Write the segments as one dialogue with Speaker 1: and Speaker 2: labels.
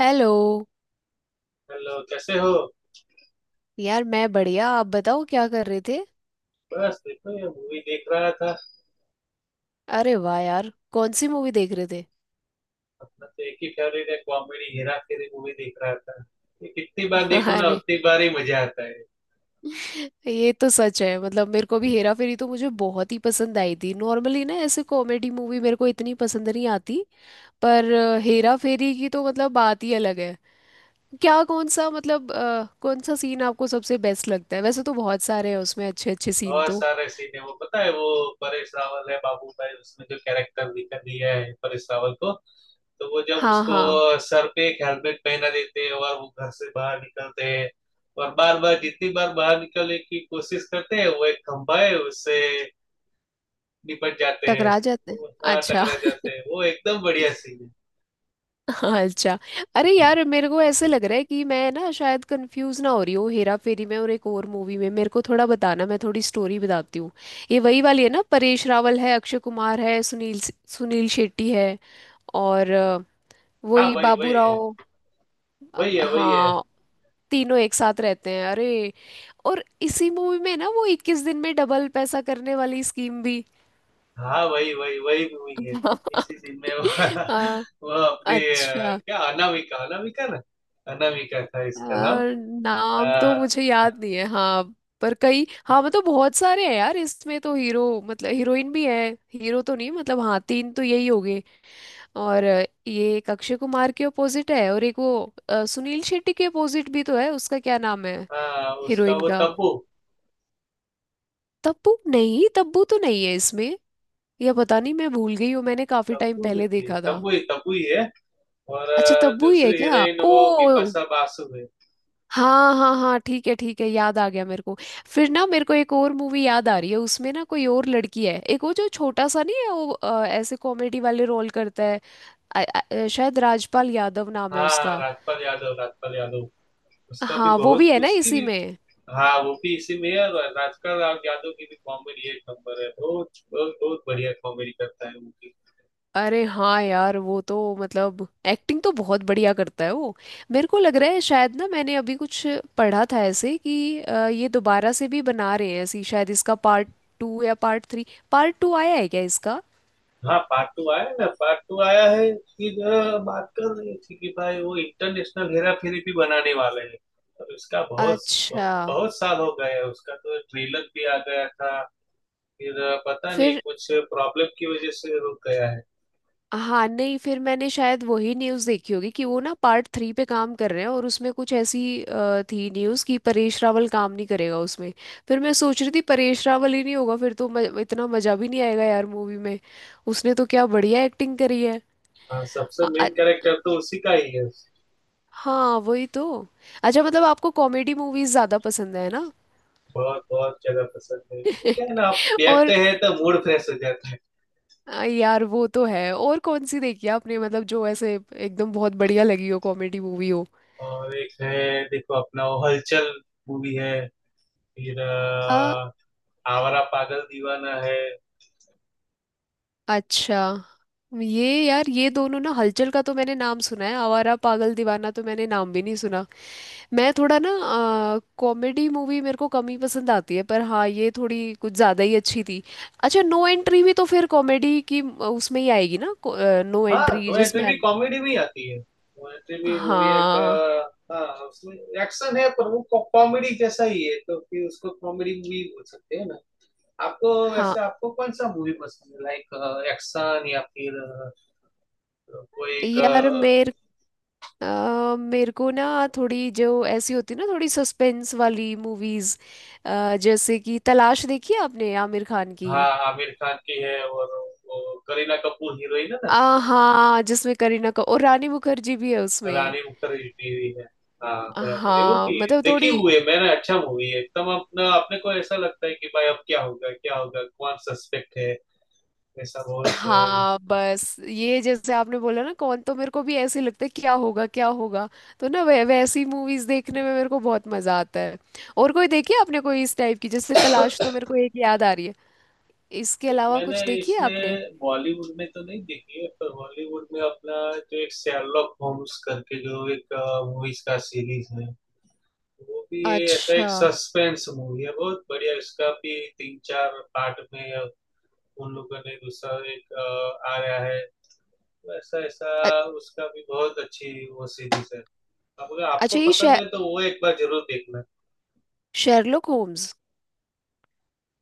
Speaker 1: Hello.
Speaker 2: Hello, कैसे हो।
Speaker 1: यार मैं बढ़िया। आप बताओ क्या कर रहे थे?
Speaker 2: बस देखो, ये मूवी देख रहा था।
Speaker 1: अरे वाह यार, कौन सी मूवी देख रहे थे?
Speaker 2: अपना तो एक ही फेवरेट है, कॉमेडी हेरा फेरी मूवी देख रहा था। ये कितनी बार देखो ना,
Speaker 1: अरे,
Speaker 2: उतनी बार ही मजा आता है।
Speaker 1: ये तो सच है। मतलब मेरे को भी हेरा फेरी तो मुझे बहुत ही पसंद आई थी। नॉर्मली ना ऐसे कॉमेडी मूवी मेरे को इतनी पसंद नहीं आती। पर हेरा फेरी की तो मतलब बात ही अलग है। क्या कौन सा मतलब कौन सा सीन आपको सबसे बेस्ट लगता है? वैसे तो बहुत सारे हैं उसमें अच्छे अच्छे सीन
Speaker 2: बहुत
Speaker 1: तो।
Speaker 2: सारे सीन है। वो पता है, वो परेश रावल है, बाबू भाई। उसने जो कैरेक्टर दिया है परेश रावल को, तो वो जब
Speaker 1: हाँ
Speaker 2: उसको
Speaker 1: हाँ,
Speaker 2: सर पे एक हेलमेट पहना देते हैं और वो घर से बाहर निकलते हैं, और बार बार जितनी बार बाहर निकलने की कोशिश करते हैं, वो एक खंभा है, उससे निपट जाते हैं।
Speaker 1: टकरा जाते हैं।
Speaker 2: वो, हाँ,
Speaker 1: अच्छा।
Speaker 2: टकरा जाते हैं। वो एकदम बढ़िया सीन है।
Speaker 1: हाँ अच्छा। अरे यार, मेरे को ऐसे लग रहा है कि मैं ना शायद कंफ्यूज ना हो रही हूँ हेरा फेरी में और एक और मूवी में। मेरे को थोड़ा बताना, मैं थोड़ी स्टोरी बताती हूँ। ये वही वाली है ना? परेश रावल है, अक्षय कुमार है, सुनील सुनील शेट्टी है। और
Speaker 2: हाँ,
Speaker 1: वही
Speaker 2: वही वही
Speaker 1: बाबू
Speaker 2: है,
Speaker 1: राव।
Speaker 2: वही है वही है।
Speaker 1: हाँ। तीनों एक साथ रहते हैं। अरे और इसी मूवी में ना वो इक्कीस दिन में डबल पैसा करने वाली स्कीम भी।
Speaker 2: हाँ, वही वही वही मूवी है। इसी सीन में वो,
Speaker 1: हाँ
Speaker 2: वो अपने
Speaker 1: अच्छा।
Speaker 2: क्या, अनामिका अनामिका ना। अनामिका था
Speaker 1: अ,
Speaker 2: इसका नाम। अ,
Speaker 1: नाम तो मुझे याद नहीं है। हाँ पर कई, हाँ मतलब बहुत सारे हैं यार इसमें तो। हीरो मतलब हीरोइन भी है। हीरो तो नहीं, मतलब हाँ तीन तो यही हो गए। और ये एक अक्षय कुमार के अपोजिट है और एक वो सुनील शेट्टी के अपोजिट भी तो है। उसका क्या नाम है
Speaker 2: हाँ, उसका
Speaker 1: हीरोइन
Speaker 2: वो
Speaker 1: का?
Speaker 2: तब्बू।
Speaker 1: तब्बू? नहीं तब्बू तो नहीं है इसमें। या पता नहीं मैं भूल गई हूँ, मैंने काफी टाइम
Speaker 2: तब्बू ही
Speaker 1: पहले
Speaker 2: थी,
Speaker 1: देखा था।
Speaker 2: तब्बू ही, तब्बू ही है। और
Speaker 1: अच्छा तब्बू ही है
Speaker 2: दूसरी
Speaker 1: क्या?
Speaker 2: हीरोइन वो
Speaker 1: ओ
Speaker 2: बिपाशा बासु है।
Speaker 1: हाँ हाँ हाँ, ठीक है ठीक है, याद आ गया मेरे को। फिर ना मेरे को एक और मूवी याद आ रही है, उसमें ना कोई और लड़की है। एक वो जो छोटा सा नहीं है वो ऐसे कॉमेडी वाले रोल करता है। शायद राजपाल यादव नाम है
Speaker 2: हाँ,
Speaker 1: उसका।
Speaker 2: राजपाल यादव, राजपाल यादव। उसका भी
Speaker 1: हाँ वो
Speaker 2: बहुत,
Speaker 1: भी है ना
Speaker 2: उसकी
Speaker 1: इसी
Speaker 2: भी।
Speaker 1: में।
Speaker 2: हाँ, वो भी इसी में है, और राजपाल राव यादव की भी कॉमेडी एक नंबर है, बहुत। बहुत बहुत बढ़िया कॉमेडी करता है वो भी।
Speaker 1: अरे हाँ यार वो तो मतलब एक्टिंग तो बहुत बढ़िया करता है वो। मेरे को लग रहा है शायद ना मैंने अभी कुछ पढ़ा था ऐसे कि ये दोबारा से भी बना रहे हैं ऐसी, शायद इसका पार्ट टू या पार्ट थ्री। पार्ट टू आया है क्या इसका?
Speaker 2: हाँ, पार्ट टू आया है ना, पार्ट टू आया है। फिर बात कर रही थी कि भाई वो इंटरनेशनल हेरा फेरी भी बनाने वाले हैं। और उसका बहुत
Speaker 1: अच्छा।
Speaker 2: बहुत साल हो गए है, उसका तो ट्रेलर भी आ गया था। फिर पता नहीं,
Speaker 1: फिर
Speaker 2: कुछ प्रॉब्लम की वजह से रुक गया है।
Speaker 1: हाँ नहीं, फिर मैंने शायद वही न्यूज़ देखी होगी कि वो ना पार्ट थ्री पे काम कर रहे हैं और उसमें कुछ ऐसी थी न्यूज़ कि परेश रावल काम नहीं करेगा उसमें। फिर मैं सोच रही थी परेश रावल ही नहीं होगा फिर तो इतना मज़ा भी नहीं आएगा यार मूवी में। उसने तो क्या बढ़िया एक्टिंग करी है।
Speaker 2: हाँ, सबसे
Speaker 1: अ- अ-
Speaker 2: मेन कैरेक्टर तो उसी का ही है।
Speaker 1: हाँ वही तो। अच्छा मतलब आपको कॉमेडी मूवीज़ ज़्यादा पसंद है ना?
Speaker 2: बहुत बहुत जगह पसंद है। वो क्या है ना, आप
Speaker 1: और
Speaker 2: देखते हैं तो मूड फ्रेश हो जाता है।
Speaker 1: यार वो तो है। और कौन सी देखी है आपने, मतलब जो ऐसे एकदम बहुत बढ़िया लगी हो, कॉमेडी मूवी हो?
Speaker 2: और एक है देखो, अपना वो हलचल मूवी है। फिर आवारा पागल दीवाना है।
Speaker 1: अच्छा ये यार, ये दोनों ना, हलचल का तो मैंने नाम सुना है, आवारा पागल दीवाना तो मैंने नाम भी नहीं सुना। मैं थोड़ा ना कॉमेडी मूवी मेरे को कम ही पसंद आती है, पर हाँ ये थोड़ी कुछ ज़्यादा ही अच्छी थी। अच्छा नो एंट्री भी तो फिर कॉमेडी की उसमें ही आएगी ना? नो
Speaker 2: हाँ,
Speaker 1: एंट्री
Speaker 2: नो एंट्री
Speaker 1: जिसमें।
Speaker 2: भी कॉमेडी में ही आती है। नो एंट्री भी मूवी एक
Speaker 1: हाँ।
Speaker 2: हाँ, उसमें एक्शन है, पर वो कॉमेडी जैसा ही है, तो फिर उसको कॉमेडी मूवी बोल सकते हैं ना। आपको,
Speaker 1: हाँ
Speaker 2: वैसे आपको कौन सा मूवी पसंद है, लाइक एक्शन या फिर कोई एक
Speaker 1: यार, मेरे को ना थोड़ी जो ऐसी होती ना, थोड़ी सस्पेंस वाली मूवीज। जैसे कि तलाश देखी है आपने, आमिर खान की?
Speaker 2: हाँ। आमिर खान की है, और वो करीना कपूर हीरोइन है ना।
Speaker 1: आ हाँ, जिसमें करीना का और रानी मुखर्जी भी है उसमें।
Speaker 2: रानी मुखर्जी टीवी है। हाँ बराबर, ये
Speaker 1: हाँ
Speaker 2: मूवी
Speaker 1: मतलब
Speaker 2: देखी
Speaker 1: थोड़ी,
Speaker 2: हुई है मैंने। अच्छा मूवी है एकदम। अपना अपने को ऐसा लगता है कि भाई अब क्या होगा क्या होगा, कौन सस्पेक्ट है। ऐसा बहुत
Speaker 1: हाँ बस ये जैसे आपने बोला ना, कौन, तो मेरे को भी ऐसे ही लगता है क्या होगा क्या होगा। तो ना वै वैसी मूवीज देखने में मेरे को बहुत मजा आता है। और कोई देखी है आपने कोई इस टाइप की? जैसे तलाश तो मेरे को एक याद आ रही है, इसके
Speaker 2: एक
Speaker 1: अलावा
Speaker 2: मैंने
Speaker 1: कुछ देखी है आपने?
Speaker 2: इसमें बॉलीवुड में तो नहीं देखी है, पर बॉलीवुड में अपना जो एक शेरलॉक होम्स करके जो एक मूवीज का सीरीज है, वो भी ये ऐसा
Speaker 1: अच्छा।
Speaker 2: एक सस्पेंस मूवी है, बहुत बढ़िया। इसका भी तीन चार पार्ट में उन लोगों ने दूसरा एक आया है, वैसा ऐसा।
Speaker 1: अ-
Speaker 2: उसका भी बहुत अच्छी वो सीरीज है। अब अगर आपको
Speaker 1: अच्छा ये
Speaker 2: पसंद है तो वो एक बार जरूर देखना।
Speaker 1: Sherlock Holmes.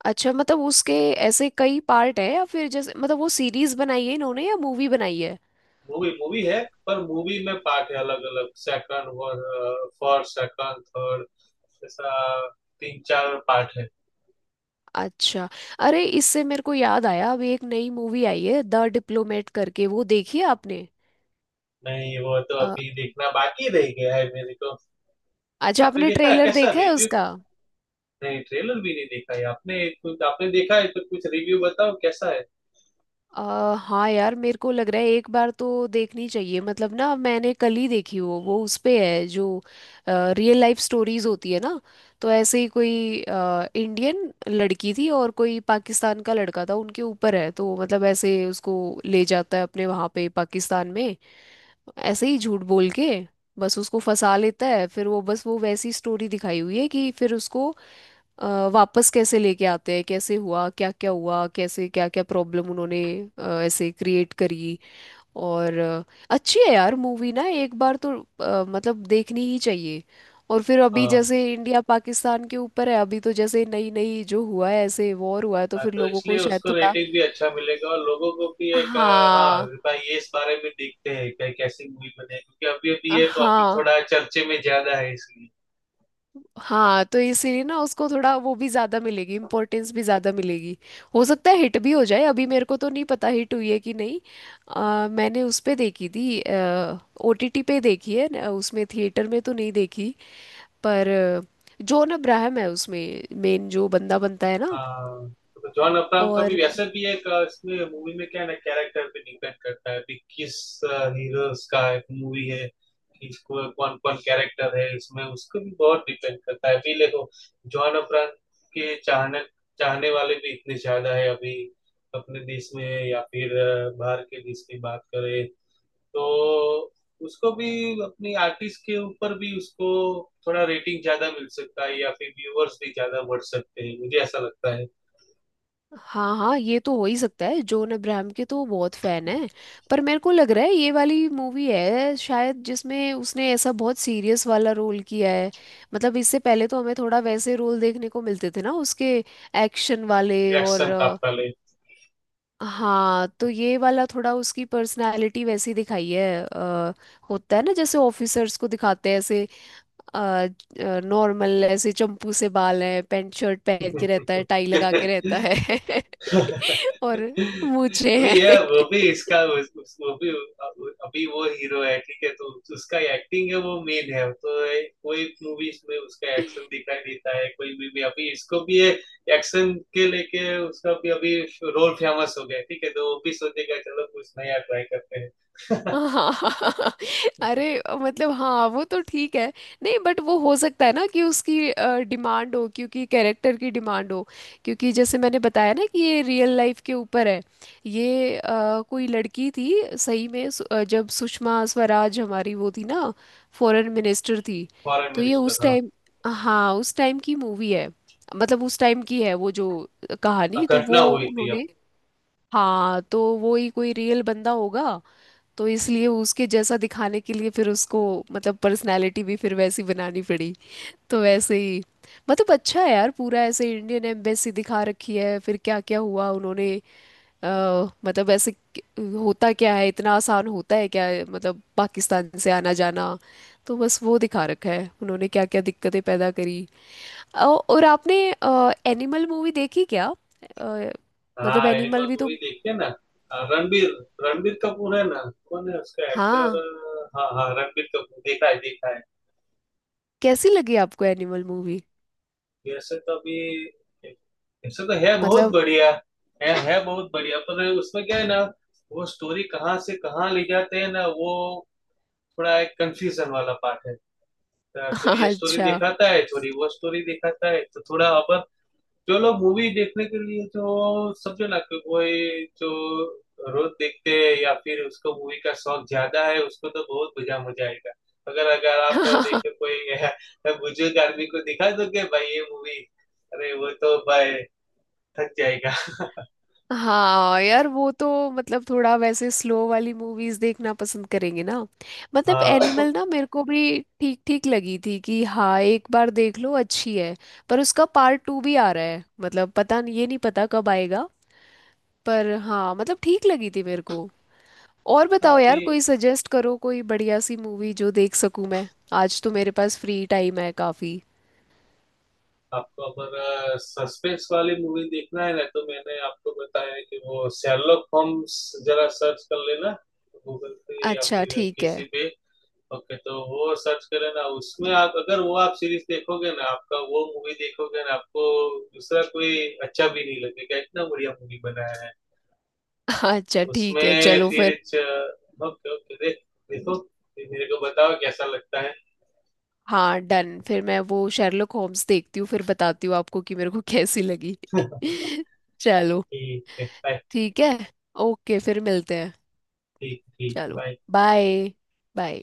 Speaker 1: अच्छा मतलब उसके ऐसे कई पार्ट है? या फिर जैसे मतलब वो सीरीज बनाई है इन्होंने या मूवी बनाई है?
Speaker 2: मूवी मूवी है, पर मूवी में पार्ट है अलग अलग। सेकंड, फर्स्ट सेकंड थर्ड, ऐसा। तीन चार पार्ट है।
Speaker 1: अच्छा। अरे इससे मेरे को याद आया, अभी एक नई मूवी आई है द डिप्लोमेट करके, वो देखी है आपने?
Speaker 2: नहीं, वो तो
Speaker 1: अ,
Speaker 2: अभी देखना बाकी रह गया है मेरे को।
Speaker 1: अच्छा
Speaker 2: आपने
Speaker 1: आपने
Speaker 2: देखा है,
Speaker 1: ट्रेलर
Speaker 2: कैसा
Speaker 1: देखा है
Speaker 2: रिव्यू।
Speaker 1: उसका?
Speaker 2: नहीं, ट्रेलर भी नहीं देखा है। आपने कुछ, आपने देखा है तो कुछ रिव्यू बताओ कैसा है।
Speaker 1: अ हाँ यार, मेरे को लग रहा है एक बार तो देखनी चाहिए। मतलब ना मैंने कल ही देखी। वो उस पे है जो रियल लाइफ स्टोरीज होती है ना, तो ऐसे ही कोई इंडियन लड़की थी और कोई पाकिस्तान का लड़का था, उनके ऊपर है। तो मतलब ऐसे उसको ले जाता है अपने वहाँ पे पाकिस्तान में, ऐसे ही झूठ बोल के बस उसको फंसा लेता है। फिर वो बस वो वैसी स्टोरी दिखाई हुई है कि फिर उसको वापस कैसे लेके आते हैं, कैसे हुआ, क्या क्या हुआ, कैसे क्या क्या प्रॉब्लम उन्होंने ऐसे क्रिएट करी। और अच्छी है यार मूवी, ना एक बार तो मतलब देखनी ही चाहिए। और फिर अभी
Speaker 2: हाँ,
Speaker 1: जैसे इंडिया पाकिस्तान के ऊपर है, अभी तो जैसे नई नई जो हुआ है ऐसे वॉर हुआ है तो
Speaker 2: हाँ,
Speaker 1: फिर
Speaker 2: तो
Speaker 1: लोगों को
Speaker 2: इसलिए
Speaker 1: शायद
Speaker 2: उसको
Speaker 1: थोड़ा।
Speaker 2: रेटिंग भी अच्छा मिलेगा, और लोगों को भी एक हाँ
Speaker 1: हाँ।
Speaker 2: भाई, ये इस बारे में देखते हैं कि कैसी मूवी बने, क्योंकि अभी अभी ये टॉपिक
Speaker 1: हाँ।
Speaker 2: थोड़ा चर्चे में ज्यादा है इसलिए।
Speaker 1: हाँ तो इसीलिए ना उसको थोड़ा वो भी ज्यादा मिलेगी, इम्पोर्टेंस भी ज्यादा मिलेगी। हो सकता है हिट भी हो जाए, अभी मेरे को तो नहीं पता हिट हुई है कि नहीं। मैंने उस पे देखी थी, ओटीटी पे देखी है, उसमें थिएटर में तो नहीं देखी। पर जॉन अब्राहम है उसमें मेन जो बंदा बनता है ना।
Speaker 2: हाँ, तो जॉन अब्राहम का भी
Speaker 1: और
Speaker 2: वैसे भी एक इसमें मूवी में क्या है ना, कैरेक्टर पे डिपेंड करता है कि किस हीरोज का एक मूवी है, किसको कौन कौन कैरेक्टर है इसमें, उसको भी बहुत डिपेंड करता है। अभी देखो, जॉन अब्राहम के चाहने चाहने वाले भी इतने ज्यादा है अभी, अपने देश में या फिर बाहर के देश की बात करें, तो उसको भी अपनी आर्टिस्ट के ऊपर भी उसको थोड़ा रेटिंग ज्यादा मिल सकता है, या फिर व्यूअर्स भी ज्यादा बढ़ सकते हैं, मुझे ऐसा लगता है।
Speaker 1: हाँ हाँ, ये तो हो ही सकता है, जॉन अब्राहम के तो वो बहुत फैन है। पर मेरे को लग रहा है ये वाली मूवी है शायद जिसमें उसने ऐसा बहुत सीरियस वाला रोल किया है। मतलब इससे पहले तो हमें थोड़ा वैसे रोल देखने को मिलते थे ना उसके, एक्शन वाले और
Speaker 2: एक्शन था पहले।
Speaker 1: हाँ तो ये वाला थोड़ा उसकी पर्सनालिटी वैसी दिखाई है। होता है ना जैसे ऑफिसर्स को दिखाते हैं ऐसे नॉर्मल, ऐसे चंपू से बाल है, पैंट शर्ट पहन के रहता है, टाई लगा के रहता है। और मूछें
Speaker 2: अभी
Speaker 1: हैं।
Speaker 2: ये वो भी इसका वो भी अभी। वो हीरो है, ठीक है, तो उसका एक्टिंग है वो मेन है, तो कोई मूवीज में उसका एक्शन दिखाई देता है, कोई भी अभी इसको भी ये एक्शन के लेके उसका भी अभी रोल फेमस हो गया है, ठीक है, तो वो भी सोचेगा चलो कुछ नया ट्राई करते हैं।
Speaker 1: हाँ। अरे, मतलब हाँ वो तो ठीक है। नहीं बट वो हो सकता है ना कि उसकी डिमांड हो, क्योंकि कैरेक्टर की डिमांड हो। क्योंकि जैसे मैंने बताया ना कि ये रियल लाइफ के ऊपर है। ये कोई लड़की थी सही में, जब सुषमा स्वराज हमारी वो थी ना, फॉरेन मिनिस्टर थी,
Speaker 2: फॉरेन
Speaker 1: तो ये
Speaker 2: मिनिस्टर,
Speaker 1: उस
Speaker 2: हाँ।
Speaker 1: टाइम। हाँ उस टाइम की मूवी है। मतलब उस टाइम की है, वो जो कहानी तो
Speaker 2: घटना
Speaker 1: वो
Speaker 2: हुई थी।
Speaker 1: उन्होंने। हाँ तो वो ही कोई रियल बंदा होगा, तो इसलिए उसके जैसा दिखाने के लिए फिर उसको मतलब पर्सनालिटी भी फिर वैसी बनानी पड़ी। तो वैसे ही मतलब अच्छा है यार, पूरा ऐसे इंडियन एम्बेसी दिखा रखी है, फिर क्या क्या हुआ उन्होंने अ, मतलब ऐसे होता क्या है? इतना आसान होता है क्या, मतलब पाकिस्तान से आना जाना? तो बस वो दिखा रखा है उन्होंने क्या क्या दिक्कतें पैदा करी। और आपने एनिमल मूवी देखी क्या? अ, मतलब
Speaker 2: हाँ, एनिमल
Speaker 1: एनिमल भी तो।
Speaker 2: मूवी देखते हैं ना। अ, रणबीर रणबीर कपूर है ना। कौन है उसका एक्टर।
Speaker 1: हाँ
Speaker 2: हाँ हाँ, रणबीर कपूर, देखा है देखा है।
Speaker 1: कैसी लगी आपको एनिमल मूवी?
Speaker 2: वैसे तो अभी, वैसे तो है बहुत
Speaker 1: मतलब
Speaker 2: बढ़िया। है बहुत बढ़िया, पर उसमें क्या है ना, वो स्टोरी कहाँ से कहाँ ले जाते हैं ना, वो थोड़ा एक कंफ्यूजन वाला पार्ट है। तो ये
Speaker 1: हाँ,
Speaker 2: स्टोरी
Speaker 1: अच्छा।
Speaker 2: दिखाता है थोड़ी, वो स्टोरी दिखाता है तो थोड़ा। अब चलो, मूवी देखने के लिए जो, समझो ना कि कोई जो रोज देखते हैं, या फिर उसको मूवी का शौक ज्यादा है, उसको तो बहुत मजा मजा आएगा। अगर अगर आप देखे कोई बुजुर्ग आदमी को दिखा दोगे भाई ये मूवी, अरे वो तो भाई थक जाएगा।
Speaker 1: हाँ यार वो तो मतलब थोड़ा वैसे स्लो वाली मूवीज देखना पसंद करेंगे ना। मतलब
Speaker 2: हाँ
Speaker 1: एनिमल ना मेरे को भी ठीक ठीक लगी थी कि हाँ एक बार देख लो अच्छी है। पर उसका पार्ट टू भी आ रहा है, मतलब पता नहीं, ये नहीं पता कब आएगा। पर हाँ मतलब ठीक लगी थी मेरे को। और बताओ
Speaker 2: अभी,
Speaker 1: यार, कोई सजेस्ट करो कोई बढ़िया सी मूवी जो देख सकूं मैं। आज तो मेरे पास फ्री टाइम है काफी।
Speaker 2: आपको अगर सस्पेंस वाली मूवी देखना है ना, तो मैंने आपको बताया है कि वो शेरलॉक होम्स, जरा सर्च कर लेना गूगल पे या
Speaker 1: अच्छा
Speaker 2: फिर
Speaker 1: ठीक है।
Speaker 2: किसी पे। ओके, तो वो सर्च करें ना, उसमें आप अगर वो आप सीरीज देखोगे ना, आपका वो मूवी देखोगे ना, आपको दूसरा कोई अच्छा भी नहीं लगेगा, इतना बढ़िया मूवी बनाया है
Speaker 1: अच्छा ठीक है,
Speaker 2: उसमें
Speaker 1: चलो
Speaker 2: फिर।
Speaker 1: फिर।
Speaker 2: ओके, ओके, देखो फिर मेरे को बताओ कैसा लगता है।
Speaker 1: हाँ डन, फिर मैं वो शेरलॉक होम्स देखती हूँ फिर बताती हूँ आपको कि मेरे को कैसी लगी। चलो
Speaker 2: ठीक है, बाय।
Speaker 1: ठीक है। ओके फिर मिलते हैं।
Speaker 2: ठीक, ठीक,
Speaker 1: चलो
Speaker 2: बाय।
Speaker 1: बाय। बाय।